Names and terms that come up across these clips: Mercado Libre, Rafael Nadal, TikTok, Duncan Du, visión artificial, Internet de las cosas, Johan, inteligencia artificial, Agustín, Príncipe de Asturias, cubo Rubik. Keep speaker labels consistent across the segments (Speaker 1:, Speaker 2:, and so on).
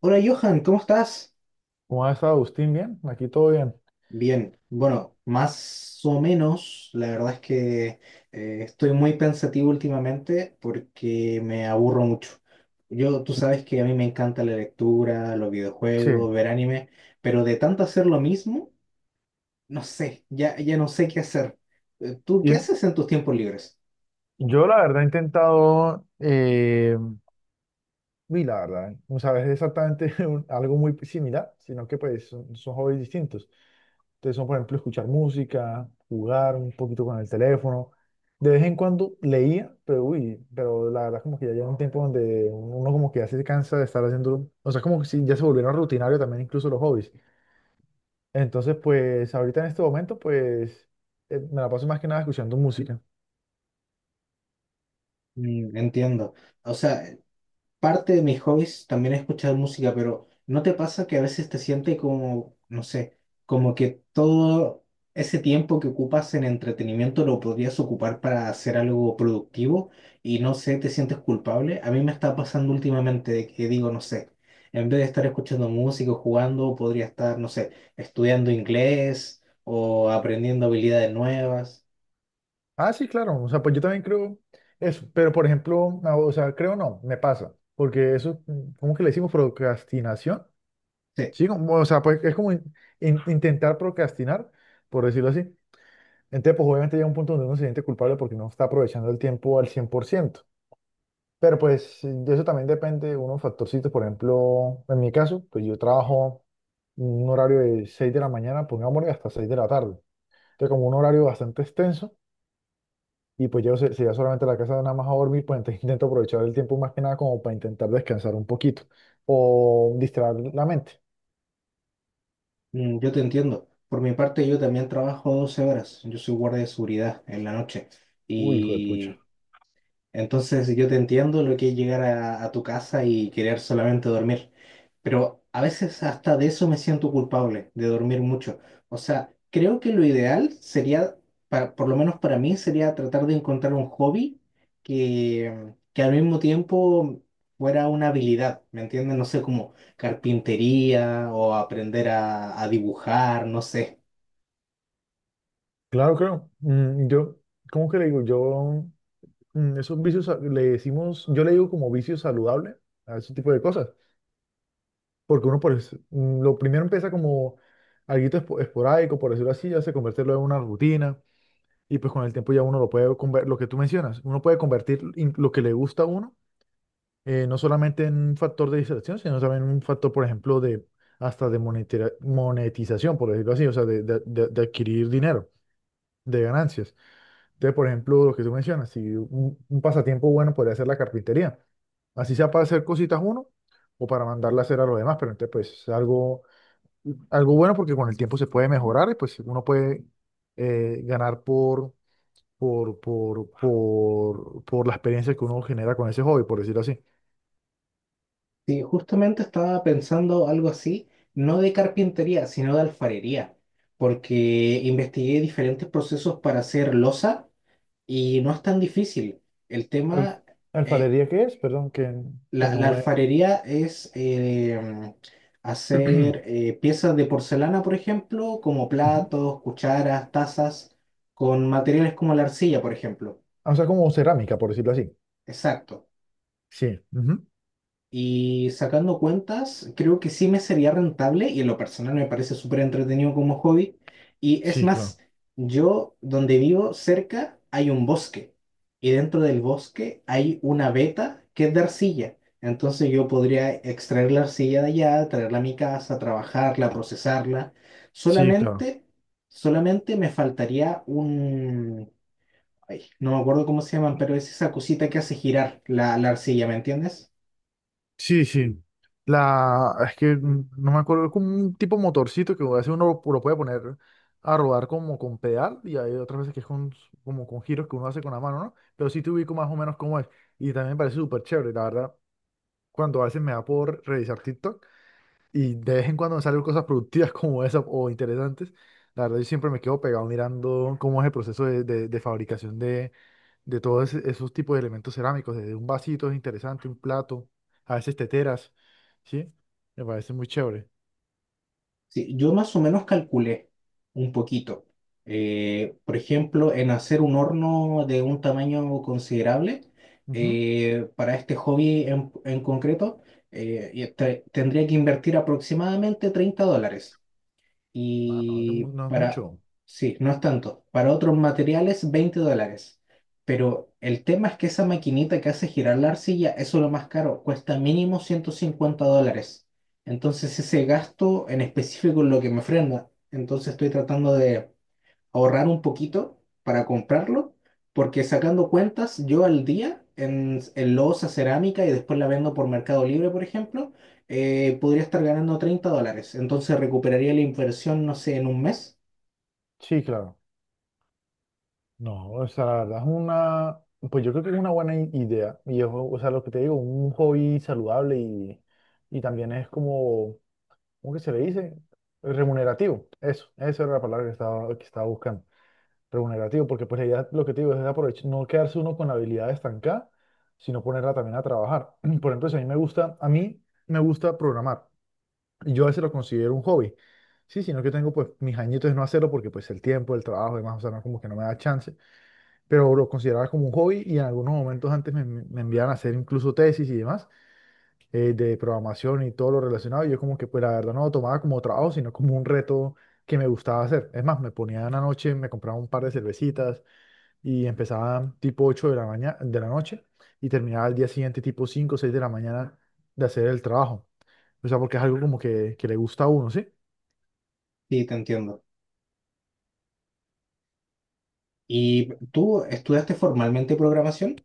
Speaker 1: Hola Johan, ¿cómo estás?
Speaker 2: ¿Cómo ha estado Agustín? ¿Bien? Aquí todo bien.
Speaker 1: Bien, bueno, más o menos, la verdad es que estoy muy pensativo últimamente porque me aburro mucho. Yo, tú sabes que a mí me encanta la lectura, los
Speaker 2: Sí,
Speaker 1: videojuegos, ver anime, pero de tanto hacer lo mismo, no sé, ya no sé qué hacer. ¿Tú
Speaker 2: y
Speaker 1: qué haces en tus tiempos libres?
Speaker 2: yo la verdad he intentado, y la verdad, no sabes exactamente algo muy similar, sino que pues son hobbies distintos. Entonces son, por ejemplo, escuchar música, jugar un poquito con el teléfono. De vez en cuando leía, pero uy, pero la verdad como que ya llega un tiempo donde uno como que ya se cansa de estar haciendo, o sea, como que sí, ya se volvieron rutinarios también incluso los hobbies. Entonces, pues ahorita en este momento, me la paso más que nada escuchando música.
Speaker 1: Mm, entiendo. O sea, parte de mis hobbies también es escuchar música, pero ¿no te pasa que a veces te sientes como, no sé, como que todo ese tiempo que ocupas en entretenimiento lo podrías ocupar para hacer algo productivo y no sé, te sientes culpable? A mí me está pasando últimamente de que digo, no sé, en vez de estar escuchando música o jugando, podría estar, no sé, estudiando inglés o aprendiendo habilidades nuevas.
Speaker 2: Ah, sí, claro. O sea, pues yo también creo eso. Pero, por ejemplo, no, o sea, creo no, me pasa. Porque eso, ¿cómo que le decimos procrastinación?
Speaker 1: Sí.
Speaker 2: Sí, como, o sea, pues es como intentar procrastinar, por decirlo así. Entonces, pues obviamente llega un punto donde uno se siente culpable porque no está aprovechando el tiempo al cien por ciento. Pero pues de eso también depende de unos factorcitos. Por ejemplo, en mi caso, pues yo trabajo un horario de 6 de la mañana, pongámosle, hasta 6 de la tarde. Entonces, como un horario bastante extenso. Y pues yo, si ya solamente a la casa nada más a dormir, pues entonces intento aprovechar el tiempo más que nada como para intentar descansar un poquito o distraer la mente.
Speaker 1: Mm, yo te entiendo. Por mi parte, yo también trabajo 12 horas. Yo soy guardia de seguridad en la noche.
Speaker 2: Uy, hijo de pucha.
Speaker 1: Y entonces yo te entiendo lo que es llegar a tu casa y querer solamente dormir, pero a veces hasta de eso me siento culpable, de dormir mucho. O sea, creo que lo ideal sería, por lo menos para mí, sería tratar de encontrar un hobby que al mismo tiempo fuera una habilidad, ¿me entiendes? No sé, como carpintería o aprender a dibujar, no sé.
Speaker 2: Claro, claro. Yo, ¿cómo que le digo? Yo, esos le decimos, yo le digo como vicio saludable a ese tipo de cosas. Porque uno, lo primero empieza como algo esporádico, por decirlo así, ya se convierte luego en una rutina. Y pues con el tiempo ya uno lo puede convertir, lo que tú mencionas, uno puede lo que le gusta a uno no solamente en un factor de distracción, sino también en un factor, por ejemplo, de hasta de monetización, por decirlo así, o sea, de adquirir dinero, de ganancias. Entonces, por ejemplo, lo que tú mencionas, si un, un pasatiempo bueno podría ser la carpintería, así sea para hacer cositas uno o para mandarla a hacer a los demás, pero entonces, pues, es algo, algo bueno porque con el tiempo se puede mejorar y pues uno puede ganar por la experiencia que uno genera con ese hobby, por decirlo así.
Speaker 1: Sí, justamente estaba pensando algo así, no de carpintería, sino de alfarería, porque investigué diferentes procesos para hacer loza y no es tan difícil. El
Speaker 2: Al-
Speaker 1: tema, eh,
Speaker 2: ¿Alfarería qué es? Perdón, que no
Speaker 1: la
Speaker 2: me...
Speaker 1: alfarería es hacer piezas de porcelana, por ejemplo, como
Speaker 2: Ujú.
Speaker 1: platos, cucharas, tazas, con materiales como la arcilla, por ejemplo.
Speaker 2: O sea, como cerámica, por decirlo así.
Speaker 1: Exacto.
Speaker 2: Sí, ujú.
Speaker 1: Y sacando cuentas, creo que sí me sería rentable y en lo personal me parece súper entretenido como hobby. Y es
Speaker 2: Sí,
Speaker 1: más,
Speaker 2: claro.
Speaker 1: yo donde vivo cerca hay un bosque y dentro del bosque hay una veta que es de arcilla. Entonces yo podría extraer la arcilla de allá, traerla a mi casa, trabajarla, procesarla.
Speaker 2: Sí, claro.
Speaker 1: Solamente, solamente me faltaría un... ay, no me acuerdo cómo se llaman, pero es esa cosita que hace girar la arcilla, ¿me entiendes?
Speaker 2: Sí, sí. La... Es que no me acuerdo, es como un tipo motorcito que a veces uno lo puede poner a rodar como con pedal y hay otras veces que es con, como con giros que uno hace con la mano, ¿no? Pero sí te ubico más o menos cómo es. Y también me parece súper chévere, la verdad. Cuando a veces me da por revisar TikTok. Y de vez en cuando me salen cosas productivas como esas o interesantes. La verdad, yo siempre me quedo pegado mirando cómo es el proceso de fabricación de esos tipos de elementos cerámicos. Desde un vasito es interesante, un plato, a veces teteras, ¿sí? Me parece muy chévere.
Speaker 1: Sí, yo más o menos calculé un poquito. Por ejemplo, en hacer un horno de un tamaño considerable,
Speaker 2: Ujú.
Speaker 1: para este hobby en concreto, y tendría que invertir aproximadamente $30.
Speaker 2: Ah, no,
Speaker 1: Y
Speaker 2: no, no es
Speaker 1: para,
Speaker 2: mucho.
Speaker 1: sí, no es tanto. Para otros materiales, $20. Pero el tema es que esa maquinita que hace girar la arcilla, eso es lo más caro, cuesta mínimo $150. Entonces ese gasto en específico es lo que me frena. Entonces estoy tratando de ahorrar un poquito para comprarlo, porque sacando cuentas, yo al día en loza, cerámica y después la vendo por Mercado Libre, por ejemplo, podría estar ganando $30. Entonces recuperaría la inversión, no sé, en un mes.
Speaker 2: Sí, claro. No, o sea, la verdad es una, pues yo creo que es una buena idea. Y es, o sea, lo que te digo, un hobby saludable y también es como ¿cómo que se le dice? Remunerativo. Eso, esa era la palabra que estaba buscando. Remunerativo, porque pues la idea, lo que te digo, es aprovechar, no quedarse uno con la habilidad estancada, sino ponerla también a trabajar. Por ejemplo, si a mí me gusta, a mí me gusta programar. Y yo a veces lo considero un hobby. Sí, sino que tengo pues mis añitos de no hacerlo porque pues el tiempo, el trabajo y demás, o sea, no, como que no me da chance. Pero lo consideraba como un hobby y en algunos momentos antes me enviaban a hacer incluso tesis y demás de programación y todo lo relacionado. Y yo como que, pues la verdad no lo tomaba como trabajo, sino como un reto que me gustaba hacer. Es más, me ponía en la noche, me compraba un par de cervecitas y empezaba tipo 8 de la mañana, de la noche y terminaba al día siguiente tipo 5 o 6 de la mañana de hacer el trabajo. O sea, porque es algo como que le gusta a uno, ¿sí?
Speaker 1: Sí, te entiendo. ¿Y tú estudiaste formalmente programación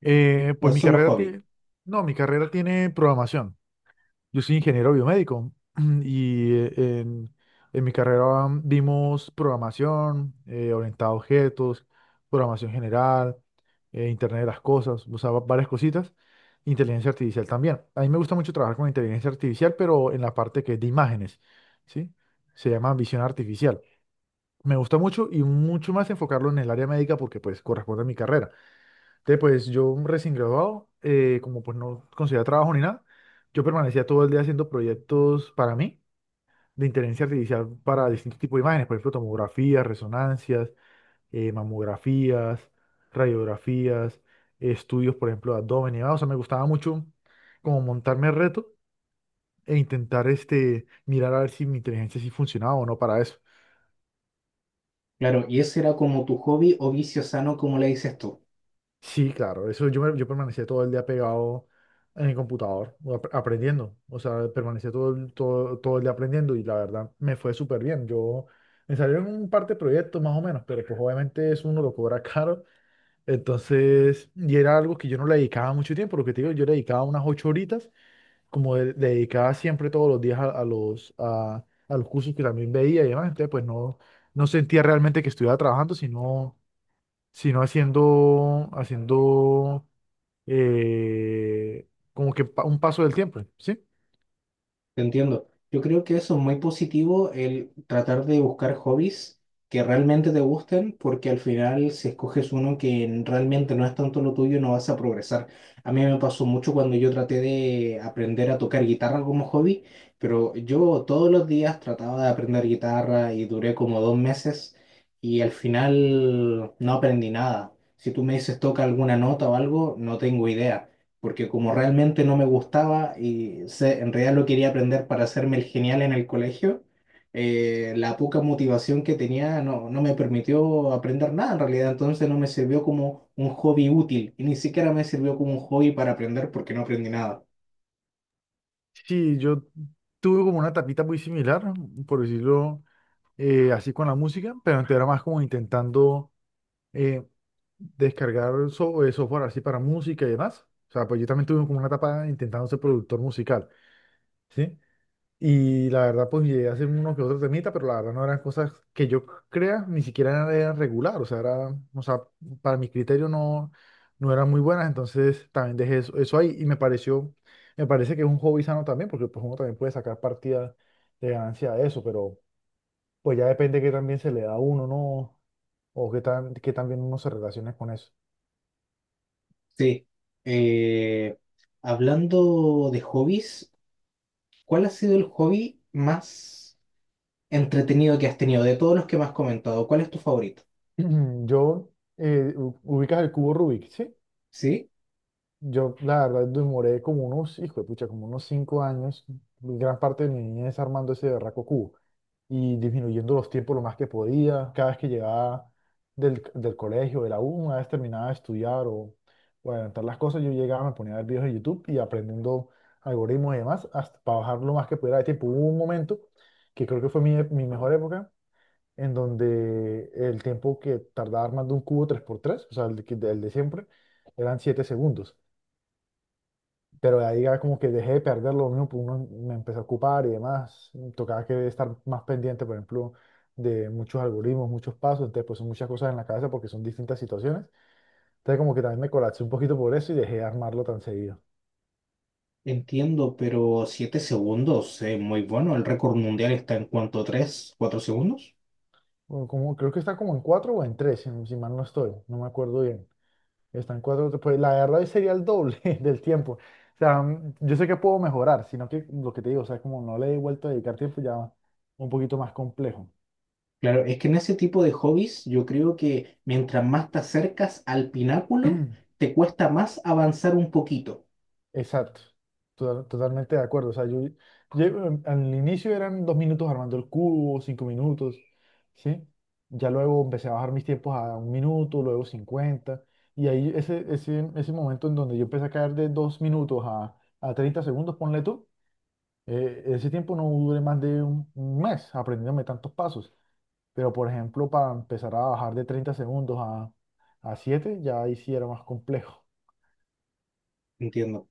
Speaker 1: o
Speaker 2: Pues
Speaker 1: es
Speaker 2: mi
Speaker 1: solo
Speaker 2: carrera
Speaker 1: hobby?
Speaker 2: tiene, no, mi carrera tiene programación. Yo soy ingeniero biomédico y eh, en, en mi carrera vimos programación, orientado a objetos, programación general, Internet de las cosas, o sea, varias cositas, inteligencia artificial también. A mí me gusta mucho trabajar con inteligencia artificial, pero en la parte que es de imágenes, ¿sí? Se llama visión artificial. Me gusta mucho y mucho más enfocarlo en el área médica porque pues corresponde a mi carrera. Entonces, pues yo recién graduado, como pues no conseguía trabajo ni nada, yo permanecía todo el día haciendo proyectos para mí de inteligencia artificial para distintos tipos de imágenes, por ejemplo, tomografías, resonancias, mamografías, radiografías, estudios, por ejemplo, de abdomen y demás. O sea, me gustaba mucho como montarme el reto e intentar este, mirar a ver si mi inteligencia sí funcionaba o no para eso.
Speaker 1: Claro, y ese era como tu hobby o vicio sano, como le dices tú.
Speaker 2: Sí, claro, eso yo, yo permanecía todo el día pegado en el computador, o aprendiendo, o sea, permanecía todo, todo el día aprendiendo y la verdad me fue súper bien. Yo me salieron un par de proyectos más o menos, pero pues obviamente eso uno lo cobra caro, entonces, y era algo que yo no le dedicaba mucho tiempo, lo que te digo, yo le dedicaba unas ocho horitas, como le dedicaba siempre todos los días a los cursos que también veía y demás, entonces pues no, no sentía realmente que estuviera trabajando, sino haciendo, haciendo eh, como que un paso del tiempo, ¿sí?
Speaker 1: Te entiendo. Yo creo que eso es muy positivo, el tratar de buscar hobbies que realmente te gusten, porque al final si escoges uno que realmente no es tanto lo tuyo, no vas a progresar. A mí me pasó mucho cuando yo traté de aprender a tocar guitarra como hobby, pero yo todos los días trataba de aprender guitarra y duré como 2 meses y al final no aprendí nada. Si tú me dices toca alguna nota o algo, no tengo idea porque como realmente no me gustaba y en realidad lo quería aprender para hacerme el genial en el colegio, la poca motivación que tenía no me permitió aprender nada en realidad, entonces no me sirvió como un hobby útil y ni siquiera me sirvió como un hobby para aprender porque no aprendí nada.
Speaker 2: Sí, yo tuve como una etapita muy similar, por decirlo así con la música, pero antes era más como intentando eh, software así para música y demás. O sea, pues yo también tuve como una etapa intentando ser productor musical, ¿sí? Y la verdad, pues llegué a hacer uno que otro temita, pero la verdad no eran cosas que yo crea, ni siquiera eran regular, o sea, era, o sea, para mi criterio no, no eran muy buenas, entonces también dejé eso, eso ahí y me pareció, me parece que es un hobby sano también, porque pues uno también puede sacar partida de ganancia de eso, pero pues ya depende que también se le da a uno, ¿no? O qué tan bien uno se relacione con eso.
Speaker 1: Sí, eh, hablando de hobbies, ¿cuál ha sido el hobby más entretenido que has tenido? De todos los que me has comentado, ¿cuál es tu favorito?
Speaker 2: Yo, ubicas el cubo Rubik, ¿sí?
Speaker 1: ¿Sí?
Speaker 2: Yo, la verdad, demoré como unos, hijo de pucha, como unos 5 años, gran parte de mi niñez armando ese berraco cubo y disminuyendo los tiempos lo más que podía. Cada vez que llegaba del colegio, de la U, una vez terminaba de estudiar o adelantar las cosas, yo llegaba, me ponía a ver videos de YouTube y aprendiendo algoritmos y demás, hasta para bajar lo más que pudiera de tiempo. Hubo un momento que creo que fue mi mejor época, en donde el tiempo que tardaba armando un cubo tres por tres, o sea, el de siempre, eran 7 segundos, pero ahí ya como que dejé de perderlo, uno me empezó a ocupar y demás, tocaba que estar más pendiente, por ejemplo, de muchos algoritmos, muchos pasos, entonces pues son muchas cosas en la cabeza porque son distintas situaciones, entonces como que también me colapsé un poquito por eso y dejé de armarlo tan seguido.
Speaker 1: Entiendo, pero 7 segundos es muy bueno. El récord mundial está en cuanto 3 4 segundos.
Speaker 2: Bueno, como, creo que está como en cuatro o en tres, si mal no estoy, no me acuerdo bien. Está en cuatro, pues la verdad hoy sería el doble del tiempo. O sea, yo sé que puedo mejorar, sino que lo que te digo, o sea, como no le he vuelto a dedicar tiempo ya un poquito más complejo.
Speaker 1: Claro, es que en ese tipo de hobbies yo creo que mientras más te acercas al pináculo, te cuesta más avanzar un poquito.
Speaker 2: Exacto. Totalmente de acuerdo. O sea, al inicio eran 2 minutos armando el cubo, 5 minutos, ¿sí? Ya luego empecé a bajar mis tiempos a 1 minuto, luego 50. Y ahí ese momento en donde yo empecé a caer de 2 minutos a 30 segundos, ponle tú, ese tiempo no duré más de un mes aprendiéndome tantos pasos. Pero, por ejemplo, para empezar a bajar de 30 segundos a 7, ya ahí sí era más complejo.
Speaker 1: Entiendo.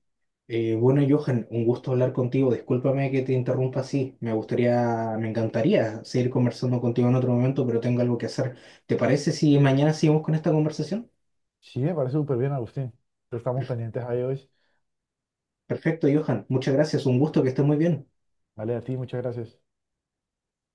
Speaker 1: Bueno, Johan, un gusto hablar contigo. Discúlpame que te interrumpa así. Me gustaría, me encantaría seguir conversando contigo en otro momento, pero tengo algo que hacer. ¿Te parece si mañana seguimos con esta conversación?
Speaker 2: Sí, me parece súper bien, Agustín. Estamos pendientes ahí hoy.
Speaker 1: Perfecto, Johan. Muchas gracias. Un gusto, que estés muy bien.
Speaker 2: Vale, a ti, muchas gracias.